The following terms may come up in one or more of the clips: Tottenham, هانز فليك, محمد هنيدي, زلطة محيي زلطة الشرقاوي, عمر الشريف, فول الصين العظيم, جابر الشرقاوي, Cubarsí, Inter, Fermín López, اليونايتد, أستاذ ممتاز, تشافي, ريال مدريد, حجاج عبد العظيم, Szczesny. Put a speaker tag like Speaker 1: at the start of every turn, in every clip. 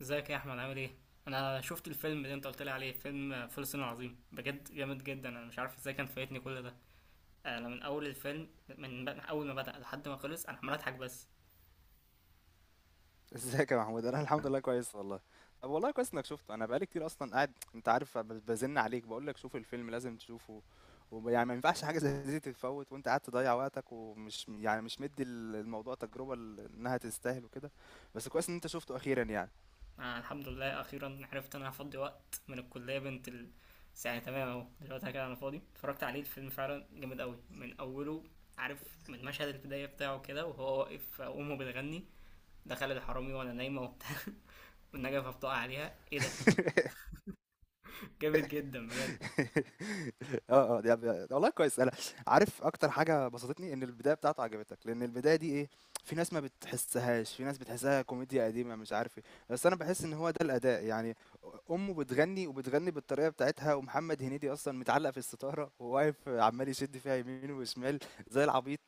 Speaker 1: ازيك يا احمد؟ عامل ايه؟ انا شفت الفيلم اللي انت قلت لي عليه، فيلم فول الصين العظيم، بجد جامد جدا. انا مش عارف ازاي كان فايتني كل ده. انا من اول الفيلم، من اول ما بدأ لحد ما خلص انا عمال اضحك بس.
Speaker 2: ازيك يا محمود. انا الحمد لله كويس والله. طب والله كويس انك شفته. انا بقالي كتير اصلا قاعد انت عارف بزن عليك بقول لك شوف الفيلم لازم تشوفه. ويعني ما ينفعش حاجه زي دي تتفوت وانت قاعد تضيع وقتك ومش يعني مش مدي الموضوع تجربه انها تستاهل وكده. بس كويس ان انت شفته اخيرا يعني.
Speaker 1: أنا الحمد لله اخيرا عرفت ان انا هفضي وقت من الكليه بنت ال... ساعة تمام اهو، دلوقتي كده انا فاضي، اتفرجت عليه الفيلم، فعلا جامد قوي من اوله. عارف من مشهد البدايه بتاعه كده وهو واقف امه بتغني، دخل الحرامي وانا نايمه وبتاع والنجفه بتقع عليها، ايه ده! جامد جدا بجد.
Speaker 2: ده والله كويس. أنا عارف أكتر حاجة بسطتني، إن البداية بتاعته عجبتك، لإن البداية دي إيه، في ناس ما بتحسّهاش، في ناس بتحسّها كوميديا قديمة مش عارف إيه، بس أنا باحس إن هو ده الأداء، يعني أمه بتغنّي وبتغنّي بالطريقة بتاعتها، ومحمد هنيدي أصلًا متعلّق في الستارة وواقف عمّال يشِد فيها يمين وشمال زي العبيط.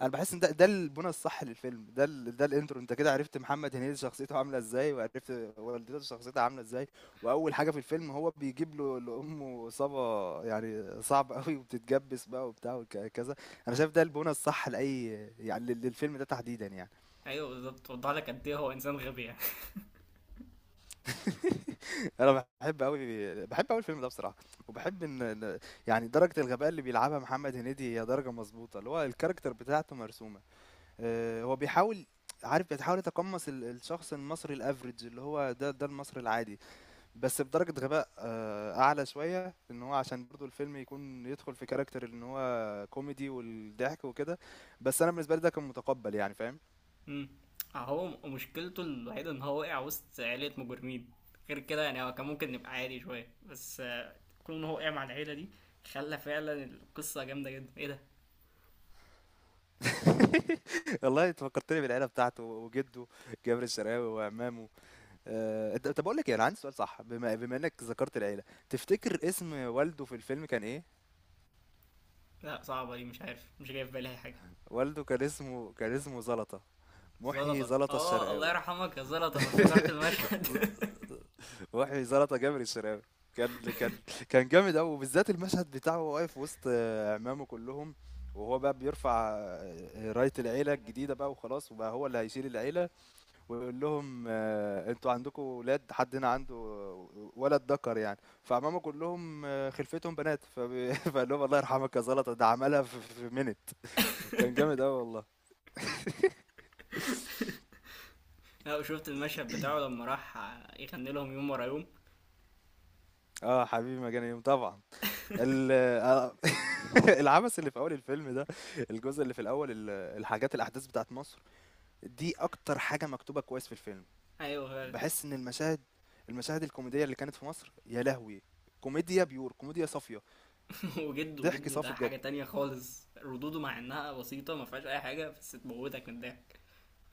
Speaker 2: أنا باحس إن ده البُنى الصح للفيلم، ده ده الintro. أنت كده عرفت محمد هنيدي شخصيته عاملة إزاي، وعرفت والدته شخصيتها عاملة إزاي. وأول حاجة في الفيلم هو بيجيب له لأمه إصابة يعني صعبة أوي، وبتتجبس بقى وبتاع وكذا. أنا شايف ده البونة الصح لأي، يعني للفيلم ده تحديدا يعني.
Speaker 1: ايوه بالظبط، وضح لك قد ايه هو انسان غبي يعني.
Speaker 2: أنا بحب أوي، بحب أوي الفيلم ده بصراحة. وبحب إن يعني درجة الغباء اللي بيلعبها محمد هنيدي هي درجة مظبوطة، اللي هو الكاركتر بتاعته مرسومة. هو بيحاول، عارف بيتحاول يتقمص الشخص المصري الافريج اللي هو ده المصري العادي، بس بدرجة غباء أعلى شوية، إن هو عشان برضو الفيلم يكون يدخل في كاركتر إن هو كوميدي والضحك وكده. بس أنا بالنسبة لي ده كان متقبل يعني، فاهم؟
Speaker 1: أمم. اهو مشكلته الوحيده ان هو وقع وسط عيله مجرمين، غير كده يعني هو كان ممكن نبقى عادي شويه، بس آه، كون ان هو وقع مع العيله دي خلى فعلا القصه جامده جدا. ايه ده!
Speaker 2: والله أنت فكرتني بالعيلة بتاعته، وجده جابر الشرقاوي وعمامه. طب بقول لك إيه، أنا عندي سؤال صح. بما إنك ذكرت العيلة، تفتكر اسم والده في الفيلم كان إيه؟
Speaker 1: لا صعبه دي، مش عارف، مش جاي في بالي اي حاجه.
Speaker 2: والده كان اسمه، كان اسمه زلطة. محيي
Speaker 1: زلطه،
Speaker 2: زلطة
Speaker 1: اه، الله
Speaker 2: الشرقاوي.
Speaker 1: يرحمك يا زلطه، انا افتكرت المشهد.
Speaker 2: وحي زلطة جابر الشراوي. كان كان كان جامد قوي، وبالذات المشهد بتاعه وهو واقف وسط عمامه كلهم، وهو بقى بيرفع راية العيلة الجديدة بقى وخلاص، وبقى هو اللي هيشيل العيلة، ويقول لهم انتوا عندكم ولاد؟ حد هنا عنده ولد ذكر يعني؟ فعمامه كلهم خلفتهم بنات فقال لهم الله يرحمك يا زلطة، ده عملها في في منت. كان جامد قوي والله.
Speaker 1: لا وشفت المشهد بتاعه لما راح يغني لهم يوم ورا يوم.
Speaker 2: اه حبيبي، مجاني يوم طبعا. ال- آه، العبث اللي في أول الفيلم ده، الجزء اللي في الأول، الحاجات الأحداث بتاعة مصر، دي أكتر حاجة مكتوبة كويس في الفيلم.
Speaker 1: ايوه فعلا.
Speaker 2: باحس إن المشاهد الكوميدية اللي كانت في مصر، يا لهوي! كوميديا pure، كوميديا صافية،
Speaker 1: وجده،
Speaker 2: ضحك
Speaker 1: وجده ده
Speaker 2: صافي بجد.
Speaker 1: حاجة تانية خالص، ردوده مع انها بسيطة ما فيهاش اي حاجة بس تموتك من الضحك.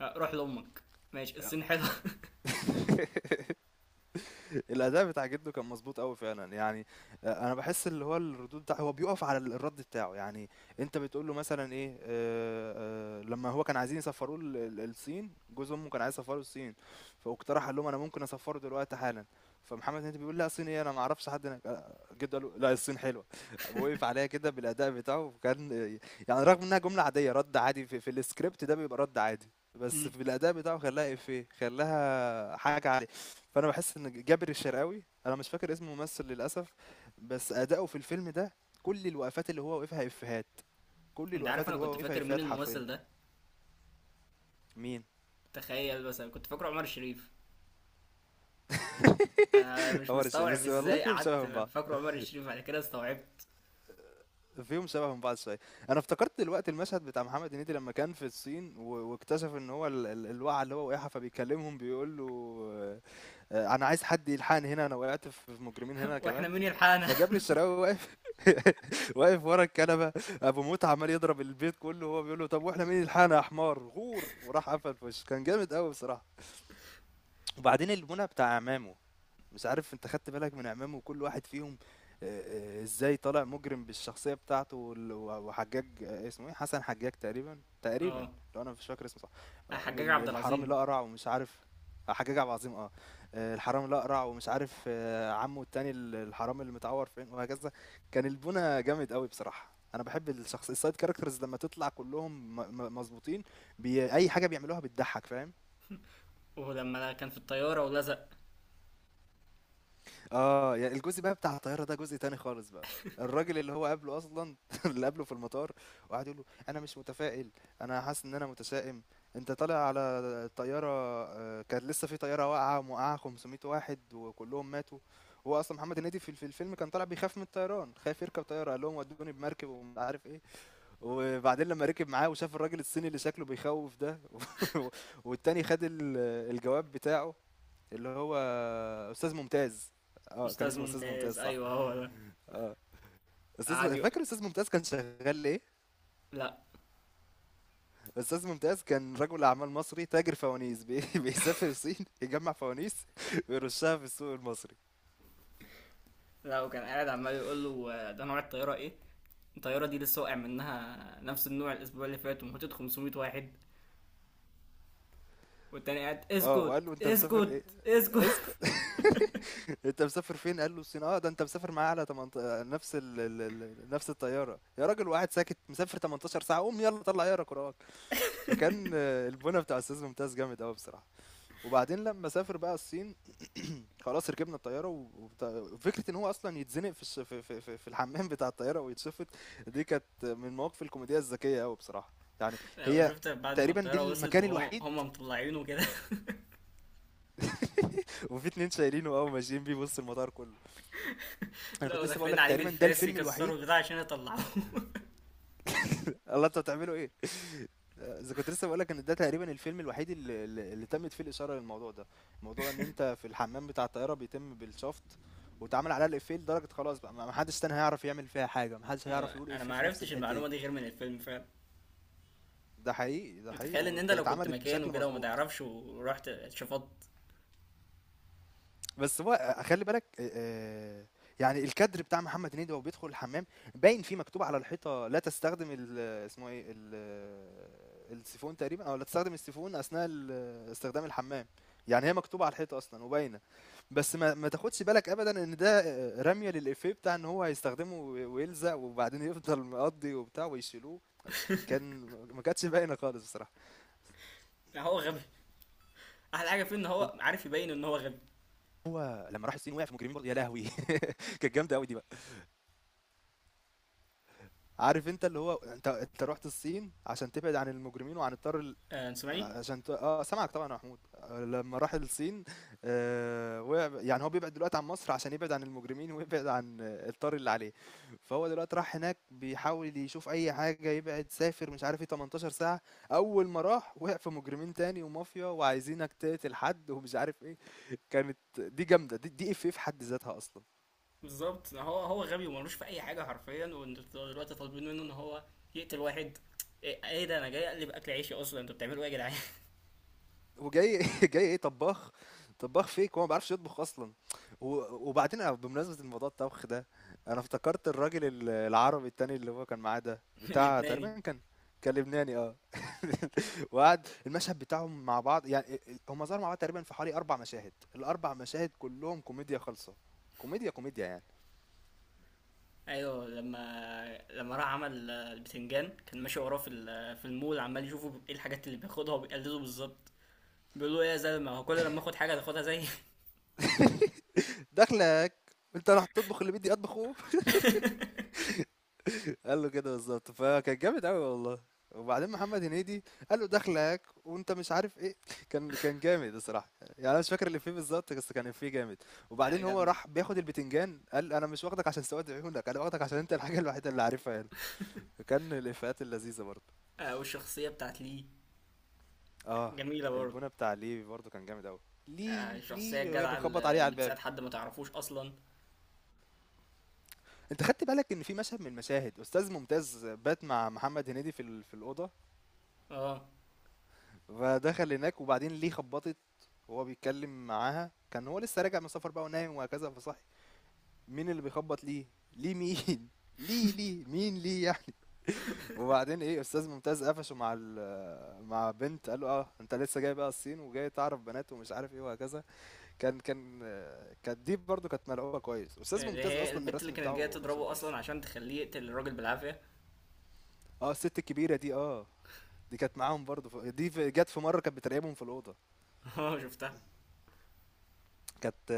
Speaker 1: آه، روح لامك، ماشي الصين حلوة.
Speaker 2: الأداء بتاع جده كان مضبوط قوي فعلًا، يعني أنا باحس اللي هو الردود بتاع، هو بيُقف على الرَد بتاعه، يعني. أنت بتقول له مثلًا إيه، لمّا هو كان عايزين يسفّروه ال ال الصين، جوز أمه كان عايز يسفّره الصين، فاقترح قال لهم: "أنا ممكن أسفّره دلوقتي حالًا." فمحمد هنيدي بيقول: "لأ الصين إيه، أنا ما أعرفش حد هناك." جده قال له: "لأ الصين حلوة." وقف عليها كده بالأداء بتاعه، وكان يعني رغم إنها جملة عادية، رَد عادي، في الscript ده بيبقى رَد عادي. بس في الأداء بتاعه خلاها إفيه، خلاها حاجة عالية. فأنا باحس إن جابر الشرقاوي، أنا مش فاكر اسم الممثل للأسف، بس أداؤه في الفيلم ده، كل الوقفات اللي هو وقفها إفيهات،
Speaker 1: انت عارف انا كنت فاكر مين
Speaker 2: حرفيا
Speaker 1: الممثل ده؟
Speaker 2: مين؟
Speaker 1: تخيل بس، انا كنت فاكره عمر الشريف. انا مش
Speaker 2: هو الشيء
Speaker 1: مستوعب
Speaker 2: بس والله،
Speaker 1: ازاي
Speaker 2: فيهم
Speaker 1: قعدت
Speaker 2: شبه من بعض،
Speaker 1: فاكره عمر الشريف، بعد كده استوعبت.
Speaker 2: فيهم شبه من بعض شوية. أنا افتكرت دلوقتي المشهد بتاع محمد هنيدي لما كان في الصين، واكتشف إن هو الوقعة اللي هو وقعها، فبيكلمهم بيقول له أنا عايز حد يلحقني هنا، أنا وقعت في مجرمين هنا
Speaker 1: واحنا
Speaker 2: كمان.
Speaker 1: مين يلحقنا!
Speaker 2: فجابر الشرقاوي واقف، واقف ورا الكنبه، ابو موت عمال يضرب البيت كله، وهو بيقول له طب واحنا مين اللي لحقنا يا حمار، غور. وراح قفل في وشه. كان جامد قوي بصراحه. وبعدين المنى بتاع عمامه، مش عارف انت خدت بالك من عمام وكل واحد فيهم ازاي طالع مجرم بالشخصية بتاعته؟ وحجاج، اسمه ايه، حسن حجاج تقريبا، تقريبا
Speaker 1: اه،
Speaker 2: لو انا مش فاكر اسمه صح.
Speaker 1: حجاج عبد
Speaker 2: الحرامي
Speaker 1: العظيم.
Speaker 2: الأقرع ومش عارف، حجاج عبد العظيم اه. الحرامي الأقرع، ومش عارف عمه التاني الحرامي اللي متعور فين، وهكذا. كان البونة جامد قوي بصراحة. انا بحب الشخص السايد كاركترز لما تطلع كلهم مظبوطين. اي حاجة بيعملوها بتضحك، فاهم؟
Speaker 1: ولما كان في الطيارة ولزق.
Speaker 2: يعني الجزء بقى بتاع الطيارة ده جزء تاني خالص بقى. الراجل اللي هو قابله أصلًا، اللي قابله في المطار، وقعد يقول له: "أنا مش متفائل، أنا حاسس إن أنا متشائم، أنت طالع على طيارة، كانت لسه في طيارة واقعة وموقعة 500 واحد وكلّهم ماتوا." هو أصلًا محمد هنيدي في الفيلم كان طالع بيخاف من الطيران، خايف يركب طيارة، قال لهم: "ودّوني بمركب ومش عارف إيه." وبعدين لمّا ركب معاه وشاف الراجل الصيني اللي شكله بيخوّف ده، والتاني خد الجواب بتاعه، اللي هو أستاذ ممتاز. اه كان
Speaker 1: استاذ
Speaker 2: اسمه أستاذ ممتاز
Speaker 1: ممتاز،
Speaker 2: صح.
Speaker 1: ايوه هو ده. قعد
Speaker 2: أستاذ،
Speaker 1: يقول،
Speaker 2: فاكر أستاذ ممتاز كان شغال إيه؟
Speaker 1: لا.
Speaker 2: أستاذ ممتاز كان رجل أعمال مصري تاجر فوانيس بيسافر الصين يجمع فوانيس ويرشها في السوق المصري.
Speaker 1: لا، وكان قاعد عمال يقول له آه، ده نوع الطيارة ايه، الطياره دي لسه واقع منها نفس النوع الاسبوع اللي فات وموتت 500 واحد، والتاني قاعد:
Speaker 2: اه
Speaker 1: اسكت،
Speaker 2: وقال له أنت مسافر
Speaker 1: اسكت،
Speaker 2: إيه؟
Speaker 1: اسكت.
Speaker 2: اسكت. انت مسافر فين؟ قال له الصين. اه ده انت مسافر معايا على 18، نفس نفس الطياره، يا راجل واحد ساكت مسافر 18 ساعه، قوم يلا طلع يا كراك. فكان البونه بتاع استاذ ممتاز جامد قوي بصراحه. وبعدين لما سافر بقى الصين، خلاص ركبنا الطياره، فكره ان هو اصلا يتزنق في في الحمام بتاع الطياره ويتشفط. دي كانت من المواقف الكوميديه الذكيه قوي بصراحه، يعني.
Speaker 1: لا
Speaker 2: هي
Speaker 1: وشفت بعد ما
Speaker 2: تقريبا دي
Speaker 1: الطياره وصلت
Speaker 2: المكان
Speaker 1: وهم
Speaker 2: الوحيد.
Speaker 1: مطلعينه كده.
Speaker 2: وفي اتنين شايلينه او ماشيين بيه، بص المطار كله. انا كنت
Speaker 1: لو
Speaker 2: لسه بقول
Speaker 1: داخلين
Speaker 2: لك
Speaker 1: عليه
Speaker 2: تقريبا ده
Speaker 1: بالفاس
Speaker 2: الفيلم
Speaker 1: يكسروا
Speaker 2: الوحيد.
Speaker 1: البتاع عشان يطلعوه.
Speaker 2: الله انتوا بتعملوا ايه؟ اذا كنت لسه بقول لك ان ده تقريبا الفيلم الوحيد اللي تمت فيه الاشاره للموضوع ده، موضوع ان انت في الحمام بتاع الطياره بيتم بالشفط، واتعمل عليها الافيه لدرجه خلاص بقى ما حدش تاني هيعرف يعمل فيها حاجه، ما حدش هيعرف يقول
Speaker 1: انا
Speaker 2: افيه
Speaker 1: ما
Speaker 2: في نفس
Speaker 1: عرفتش
Speaker 2: الحته دي.
Speaker 1: المعلومه دي غير من الفيلم فعلا.
Speaker 2: ده حقيقي، ده حقيقي،
Speaker 1: تخيل ان انت لو كنت
Speaker 2: اتعملت
Speaker 1: مكانه
Speaker 2: بشكل
Speaker 1: كده وما
Speaker 2: مضبوط.
Speaker 1: تعرفش ورحت شفطت.
Speaker 2: بس هو خلّي بالك يعني الكادر بتاع محمد هنيدي وهو بيدخل الحمام، باين فيه مكتوب على الحيطة لا تستخدم ال اسمه إيه، ال السيفون تقريبًا، لا تستخدم السيفون أثناء استخدام الحمام، يعني هي مكتوبة على الحيطة أصلًا وباينة. بس ما تاخدش بالك أبدًا إن ده رمية للإيفيه بتاع إن هو هيستخدمه و ويلزق وبعدين يفضل مقضّي وبتاع ويشيلوه. كان ما كانتش باينة خالص بصراحة.
Speaker 1: هو غبي، احلى حاجه فيه ان هو عارف يبين ان هو غبي.
Speaker 2: وهو لمّا راح الصين وقع في مجرمين برضه، يا لهوي! كانت جامده قوي دي بقى. عارف انت اللي هو، انت انت رحت الصين عشان تبعد عن المجرمين وعن الطار
Speaker 1: آه، انت سامعني؟
Speaker 2: عشان اه سامعك طبعا يا محمود. لما راح الصين آه وقع، يعني هو بيبعد دلوقتي عن مصر عشان يبعد عن المجرمين ويبعد عن الطار اللي عليه. فهو دلوقتي راح هناك بيحاول يشوف اي حاجه يبعد، سافر مش عارف ايه 18 ساعه. اول ما راح وقع في مجرمين تاني ومافيا وعايزينك تقتل حد ومش عارف ايه. كانت دي جامده، دي اف في حد ذاتها اصلا.
Speaker 1: بالظبط، هو غبي وملوش في اي حاجه حرفيا، وانتوا دلوقتي طالبين منه ان هو يقتل واحد! ايه، إيه ده، انا جاي اقلب اكل عيشي اصلا، انتوا بتعملوا ايه يا جدعان؟
Speaker 2: وجاي جاي إيه؟ طباخ. طباخ فيك، هو ما بيعرفش يطبخ أصلًا. و وبعدين أنا بمناسبة الموضوع الطبخ ده، أنا افتكرت الراجل العربي التاني اللي هو كان معاه ده، بتاع
Speaker 1: اللبناني.
Speaker 2: تقريبًا كان، كان لبناني. وقعد المشهد بتاعهم مع بعض يعني، أ أ هم ظهروا مع بعض تقريبًا في حوالي 4 مشاهد، ال4 مشاهد كلّهم كوميديا خالصة، كوميديا يعني.
Speaker 1: ايوه، لما راح عمل آه، البتنجان، كان ماشي وراه في في المول عمال يشوفه ايه الحاجات اللي بياخدها وبيقلده بالظبط. بيقول له ايه يا زلمه، هو كل لما اخد حاجه تاخدها زي.
Speaker 2: داخلك أنت اللي هتطبخ اللي بدي أطبخه؟ قال له كده بالضبط، فكان جامد أوي والله. وبعدين محمد هنيدي قال له داخلك وأنت مش عارف إيه، كان جامد الصراحة، يعني أنا مش فاكر الإفيه بالضبط بس كان إفيه جامد.
Speaker 1: لا
Speaker 2: وبعدين هو
Speaker 1: جامدة.
Speaker 2: راح بياخد البتنجان قال أنا مش واخدك عشان سواد عيونك، أنا واخدك عشان أنت الحاجة الوحيدة اللي عارفها هنا. فكان الإفيهات اللذيذة برضه.
Speaker 1: آه، والشخصية بتاعت لي
Speaker 2: آه،
Speaker 1: جميلة برضه.
Speaker 2: البونة بتاع ليه برضه كان جامد أوي.
Speaker 1: آه،
Speaker 2: ليه،
Speaker 1: الشخصية
Speaker 2: ليه وهي
Speaker 1: الجدعة
Speaker 2: بتخبط
Speaker 1: اللي
Speaker 2: عليه على
Speaker 1: اللي
Speaker 2: الباب.
Speaker 1: بتساعد حد ما تعرفوش أصلا.
Speaker 2: أنت خدت بالك إن في مشهد من المشاهد أستاذ ممتاز بات مع محمد هنيدي في الأوضة؟
Speaker 1: اه،
Speaker 2: فدخل هناك وبعدين ليه خبطت، وهو بيتكلم معاها كان هو لسه راجع من سفر بقى ونايم وهكذا، فصحي مين اللي بيخبط؟ ليه. ليه مين؟ ليه ليه مين ليه يعني. وبعدين ايه، استاذ ممتاز قفشه مع مع بنت، قال له اه انت لسه جاي بقى الصين وجاي تعرف بنات ومش عارف ايه وهكذا. كانت دي برضو كانت ملعوبه كويس. استاذ
Speaker 1: اللي
Speaker 2: ممتاز
Speaker 1: هي
Speaker 2: اصلا
Speaker 1: البنت اللي
Speaker 2: الرسم
Speaker 1: كانت جايه
Speaker 2: بتاعه مرسوم
Speaker 1: تضربه
Speaker 2: كويس.
Speaker 1: اصلا عشان تخليه يقتل الراجل بالعافيه.
Speaker 2: اه الست الكبيره دي اه، دي كانت معاهم برضو، جت في مره كانت بتراقبهم في الاوضه.
Speaker 1: اه شفتها.
Speaker 2: كانت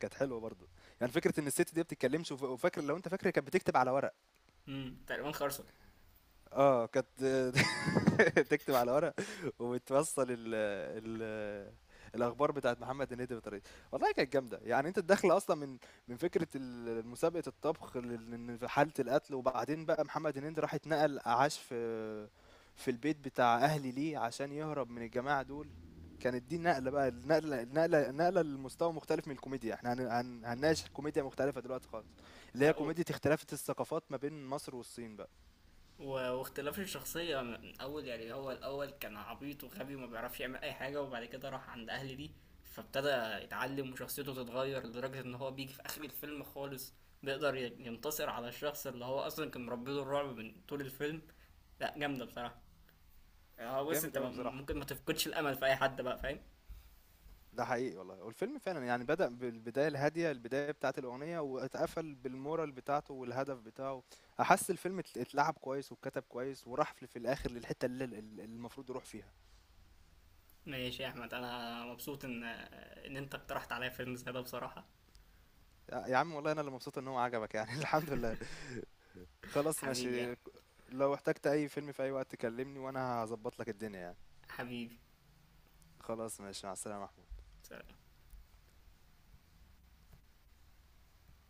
Speaker 2: كانت حلوة برضه، يعني فكرة إن الست دي ما بتتكلمش، وفاكر لو أنت فاكر هي كانت بتكتب على ورق.
Speaker 1: امم، تقريبا خرصه.
Speaker 2: كانت تكتب على ورق وبتوصّل ال ال الأخبار بتاعة محمد هنيدي بطريقتها. والله كانت جامدة. يعني أنت الداخلة أصلًا من من فكرة مسابقة الطبخ لل حالة القتل، وبعدين بقى محمد هنيدي راح اتنقل عاش في في البيت بتاع أهل ليه عشان يهرب من الجماعة دول. كانت دي النقلة بقى، النقلة لمستوى مختلف من الكوميديا. إحنا هن هن هنناقش كوميديا مختلفة دلوقتي خالص، اللي هي
Speaker 1: لا و...
Speaker 2: كوميديا اختلافات الثقافات ما بين مصر والصين بقى.
Speaker 1: و... واختلاف الشخصيه من اول. يعني هو الاول كان عبيط وغبي وما بيعرفش يعمل اي حاجه، وبعد كده راح عند اهل دي فابتدى يتعلم وشخصيته تتغير، لدرجه ان هو بيجي في اخر الفيلم خالص بيقدر ينتصر على الشخص اللي هو اصلا كان مربيله الرعب من طول الفيلم. لا جامده بصراحه. اه بص،
Speaker 2: جامد أوي بصراحة.
Speaker 1: ممكن ما تفقدش الامل في اي حد بقى، فاهم؟
Speaker 2: ده حقيقي والله، والفيلم فعلا يعني بدأ بالبداية الهادية، البداية بتاعت الأغنية، واتقفل بالمورال بتاعته والهدف بتاعه. أحس الفيلم اتلعب كويس واتكتب كويس، وراح في الآخر للحتة اللي المفروض يروح فيها.
Speaker 1: ماشي يا احمد، انا مبسوط ان انت اقترحت عليا فيلم زي ده بصراحة.
Speaker 2: يا عم والله أنا اللي مبسوط إن هو عجبك يعني. الحمد لله، خلاص
Speaker 1: حبيبي يا
Speaker 2: ماشي.
Speaker 1: أحمد.
Speaker 2: لو احتجت أي فيلم في أي وقت كلمني وأنا هظبط لك الدنيا يعني.
Speaker 1: حبيبي.
Speaker 2: خلاص ماشي، مع السلامة.